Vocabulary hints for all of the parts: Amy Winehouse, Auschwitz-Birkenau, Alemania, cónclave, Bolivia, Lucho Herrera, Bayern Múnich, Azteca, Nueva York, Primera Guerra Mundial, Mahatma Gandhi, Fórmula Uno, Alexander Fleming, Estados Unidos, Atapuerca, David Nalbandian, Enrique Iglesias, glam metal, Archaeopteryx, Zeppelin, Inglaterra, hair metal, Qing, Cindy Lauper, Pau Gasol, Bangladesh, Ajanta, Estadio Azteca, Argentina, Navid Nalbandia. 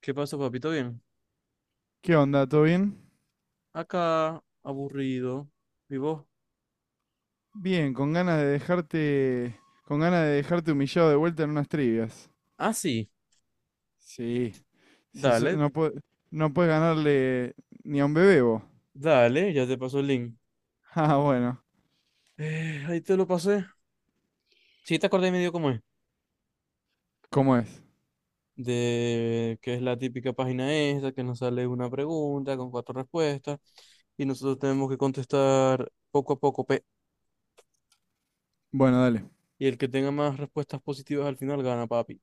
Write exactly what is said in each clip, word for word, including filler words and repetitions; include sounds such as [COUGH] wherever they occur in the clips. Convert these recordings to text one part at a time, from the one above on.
¿Qué pasó, papito? Bien. ¿Qué onda? ¿Todo bien? Acá, aburrido. ¿Y vos? Bien, con ganas de dejarte, con ganas de dejarte humillado de vuelta en unas trivias. Ah, sí. Sí, sí, so- Dale, no pue- no puedes ganarle ni a un bebé vos. [LAUGHS] dale, ya te paso el link. Ah, bueno, Eh, ahí te lo pasé. Sí, te acordé medio cómo es. ¿cómo es? De que es la típica página esa, que nos sale una pregunta con cuatro respuestas y nosotros tenemos que contestar poco a poco, pe. Bueno, dale, Y el que tenga más respuestas positivas al final gana, papi.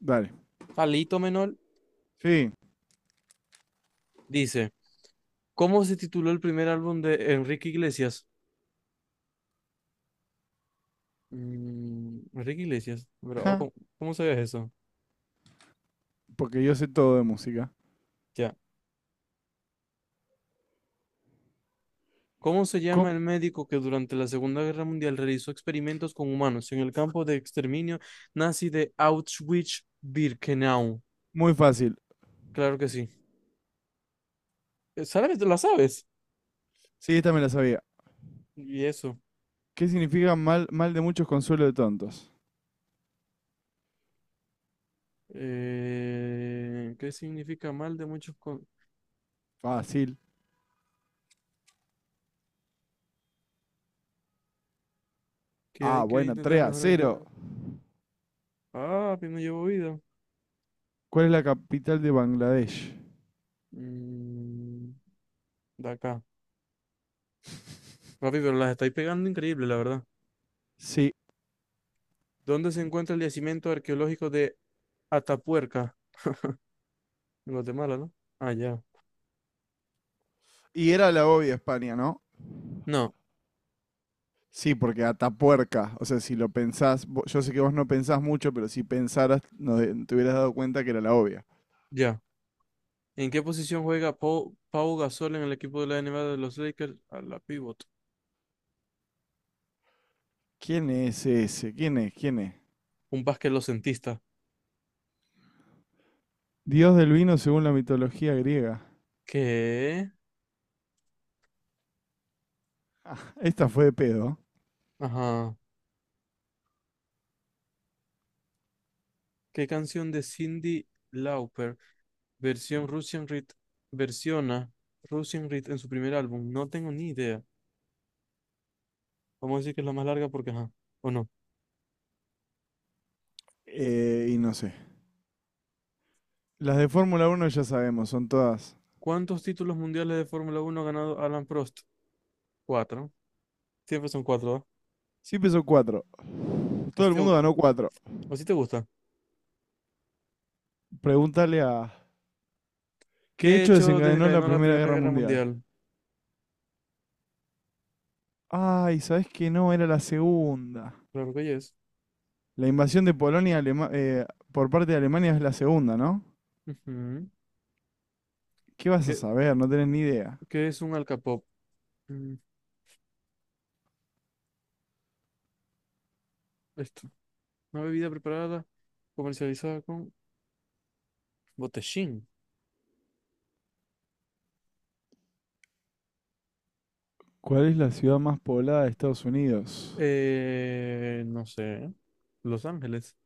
dale. Alito Menor Sí, dice, ¿cómo se tituló el primer álbum de Enrique Iglesias? Mm, Enrique Iglesias, pero oh, ja, ¿cómo, cómo sabías eso? porque yo sé todo de música. Ya. ¿Cómo se llama Co- el médico que durante la Segunda Guerra Mundial realizó experimentos con humanos en el campo de exterminio nazi de Auschwitz-Birkenau? Muy fácil. Claro que sí. Eh, ¿Sabes? ¿La sabes? Sí, esta me la sabía. Y eso. ¿Qué significa mal, mal de muchos consuelo de tontos? Eh, ¿qué significa mal de muchos con- Fácil. que hay Ah, que bueno, intentar tres a mejorar? cero. Ah, pero no llevo vida. ¿Cuál es la capital de Bangladesh? Mm, de acá. Papi, pero las estáis pegando increíble, la verdad. Sí. ¿Dónde se encuentra el yacimiento arqueológico de Atapuerca? En Guatemala, ¿no? Ah, ya. Y era la obvia España, ¿no? No, Sí, porque Atapuerca, o sea, si lo pensás, vo- yo sé que vos no pensás mucho, pero si pensaras, no de- te hubieras dado cuenta que era la obvia. ya. ¿En qué posición juega Pau, Pau Gasol en el equipo de la N B A de los Lakers? A la pivot. ¿Quién es ese? ¿Quién es? ¿Quién es? Un basquetbolcentista. Dios del vino según la mitología griega. ¿Qué? [LAUGHS] Esta fue de pedo. Ajá. ¿Qué canción de Cindy Lauper? Versión Russian Rit. Versiona Russian Rit en su primer álbum. No tengo ni idea. Vamos a decir que es la más larga porque, ajá. ¿O no? Eh, y no sé. Las de Fórmula Uno ya sabemos, son todas. ¿Cuántos títulos mundiales de Fórmula Uno ha ganado Alan Prost? Cuatro. Siempre son cuatro, ¿ah? Sí pesó cuatro. Todo Así el te, mundo gu- ganó cuatro. Así te gusta. Pregúntale a... ¿Qué ¿Qué hecho hecho desencadenó la desencadenó la Primera Primera Guerra Guerra Mundial? Mundial? Ay, ¿sabés que no? Era la segunda. Claro que La invasión de Polonia a Alema- eh, por parte de Alemania es la segunda, ¿no? ¿Qué vas a es. saber? No tenés ni idea. ¿Qué es un alcapop? Mm, Esto, una bebida preparada, comercializada con botellín. ¿Cuál es la ciudad más poblada de Estados Unidos? Eh, no sé. Los Ángeles.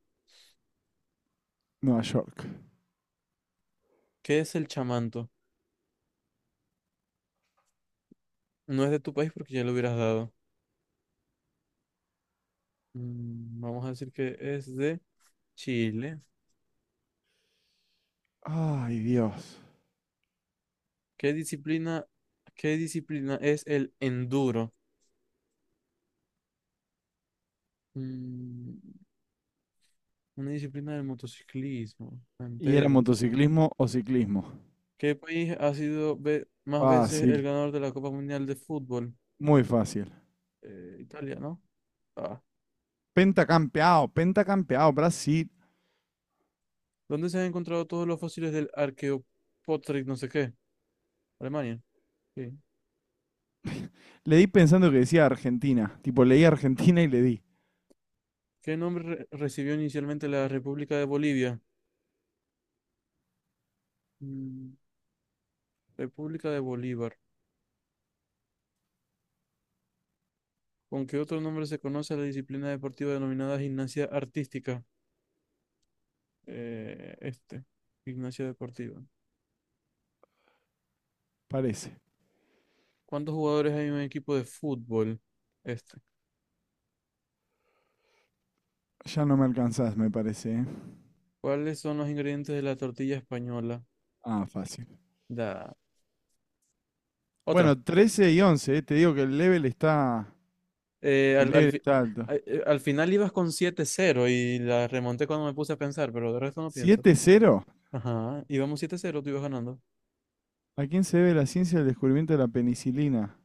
Nueva York. ¿Qué es el chamanto? No es de tu país porque ya lo hubieras dado. Mm, Vamos a decir que es de Chile. Ay, Dios. ¿Qué disciplina, ¿Qué disciplina es el enduro? Mm, Una disciplina del motociclismo ¿Y era entero. motociclismo o ciclismo? ¿Qué país ha sido ve- más veces el Fácil, ganador de la Copa Mundial de Fútbol? muy fácil. Eh, Italia, ¿no? Ah. Pentacampeado, pentacampeado, Brasil. ¿Dónde se han encontrado todos los fósiles del Archaeopteryx, no sé qué? Alemania. Sí. Le di pensando que decía Argentina. Tipo, leí Argentina y le di. ¿Qué nombre re- recibió inicialmente la República de Bolivia? Mm, República de Bolívar. ¿Con qué otro nombre se conoce a la disciplina deportiva denominada gimnasia artística? Eh, este, gimnasia deportiva. Parece. ¿Cuántos jugadores hay en un equipo de fútbol? Este. Ya no me alcanzás, me parece. ¿Eh? ¿Cuáles son los ingredientes de la tortilla española? Ah, fácil. Da. Otra. Bueno, trece y once. ¿Eh? Te digo que el level está, eh, el al, al, level fi- está alto. A- eh, al final ibas con siete cero y la remonté cuando me puse a pensar, pero de resto no pienso. Siete cero. Ajá, íbamos siete cero tú ibas ganando. ¿A quién se debe la ciencia del descubrimiento de la penicilina?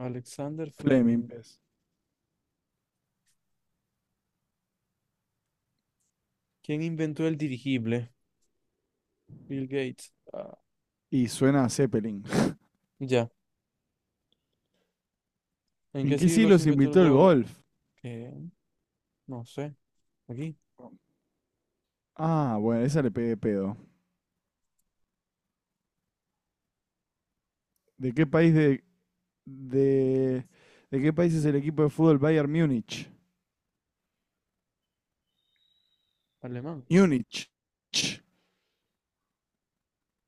Alexander Fleming, Fleming. pues. ¿Quién inventó el dirigible? Bill Gates. Ah, Y suena a Zeppelin. ya. ¿En ¿En qué qué siglo siglo se se inventó el invitó el gol? golf? Eh, no sé. Aquí, Ah, bueno, esa le pegué pedo. ¿De qué país de, de, de qué país es el equipo de fútbol Bayern Múnich? alemán. Múnich. Ch.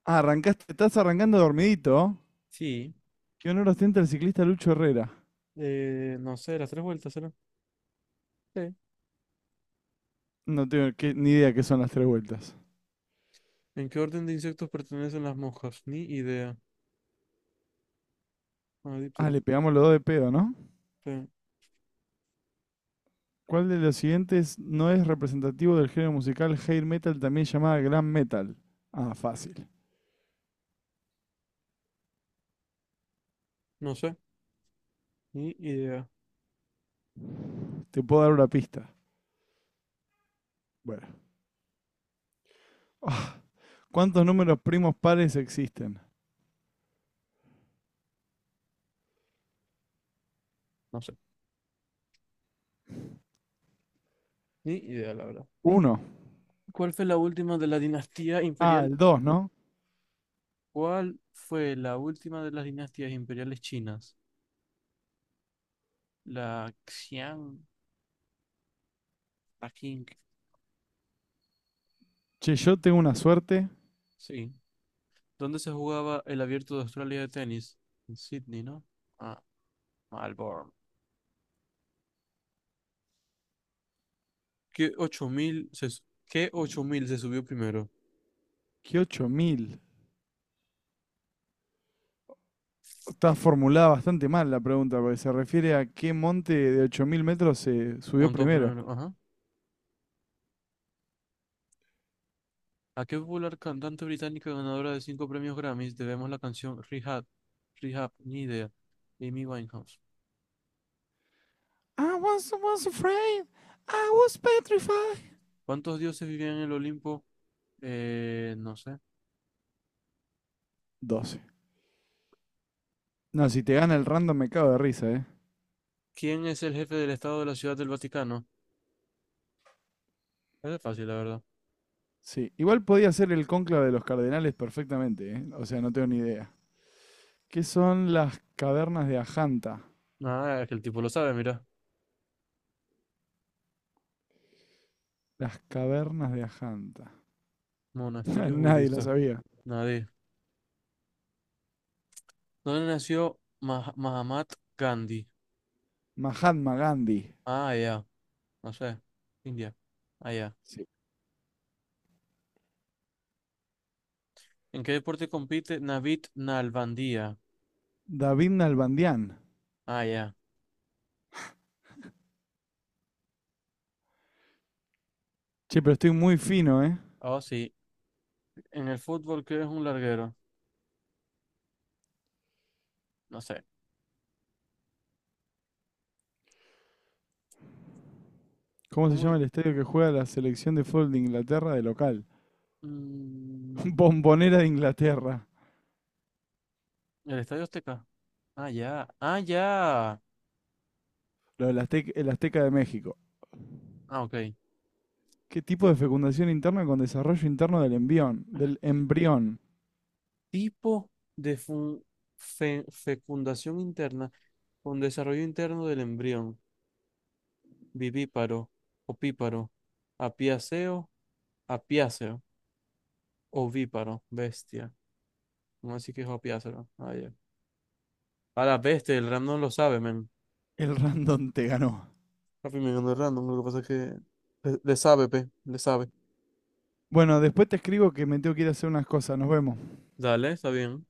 Ah, arrancaste, estás arrancando dormidito. Sí. ¿Qué honor ostenta el ciclista Lucho Herrera? Eh, no sé, las tres vueltas, ¿será? Sí. No tengo que- ni idea qué son las tres vueltas. ¿En qué orden de insectos pertenecen las moscas? Ni idea. Ah, Ah, dípteros. le pegamos los dos de pedo, ¿no? Sí. ¿Cuál de los siguientes no es representativo del género musical hair metal, también llamada glam metal? Ah, fácil. No sé. Ni idea. Te puedo dar una pista. Bueno. [LAUGHS] Oh, ¿cuántos números primos pares existen? No sé. Ni idea, la verdad. Uno. ¿Cuál fue la última de la dinastía Ah, imperial? el dos, ¿no? ¿Cuál fue la última de las dinastías imperiales chinas? La Xiang, la Qing. Che, yo tengo una suerte Sí. ¿Dónde se jugaba el Abierto de Australia de tenis? En Sydney, ¿no? Ah, Melbourne. ¿Qué ocho mil se, su- qué ocho mil se subió primero? que ocho mil. Está formulada bastante mal la pregunta, porque se refiere a qué monte de ocho mil metros se subió Montó primero. primero, ajá. ¿A qué popular cantante británica ganadora de cinco premios Grammys debemos la canción Rehab? Rehab, ni idea. Amy Winehouse. I was, was afraid. I was petrified. ¿Cuántos dioses vivían en el Olimpo? Eh, no sé. Doce. No, si te gana el random me cago de risa, ¿eh? ¿Quién es el jefe del Estado de la Ciudad del Vaticano? Es fácil, la verdad. Sí. Igual podía ser el cónclave de los cardenales perfectamente, ¿eh? O sea, no tengo ni idea. ¿Qué son las cavernas de Ajanta? Ah, es que el tipo lo sabe, mira. Las cavernas de Ajanta. [LAUGHS] Monasterios Nadie lo budistas. sabía. Nadie. ¿Dónde nació Mah- Mahatma Gandhi? Mahatma Gandhi. Ah, ya. No sé. India. Ah, ya. Sí. ¿En qué deporte compite Navid Nalbandia? David Nalbandian. Ah, ya. Che, pero estoy muy fino, ¿eh? Oh, sí. ¿En el fútbol qué es un larguero? No sé. ¿Cómo se ¿Cómo es? llama el estadio que juega la selección de fútbol de Inglaterra de local? [LAUGHS] Mm, Bombonera de Inglaterra. ¿El Estadio Azteca? Ah, ya. Ah, ya. Lo del Aztec- el Azteca de México. Ah, ok. ¿Qué tipo Ti- de fecundación interna con desarrollo interno del embrión? Del embrión. tipo de fun- fe- fecundación interna con desarrollo interno del embrión, vivíparo, opíparo, apiáceo, apiáceo, ovíparo, bestia. No así que es apiáceo. Ah, ya. A la bestia, el random lo sabe, men. El random te ganó. Papi, me ganó el random, lo que pasa es que le, le sabe, pe, le sabe. Bueno, después te escribo que me tengo que ir a hacer unas cosas. Nos vemos. Dale, está bien.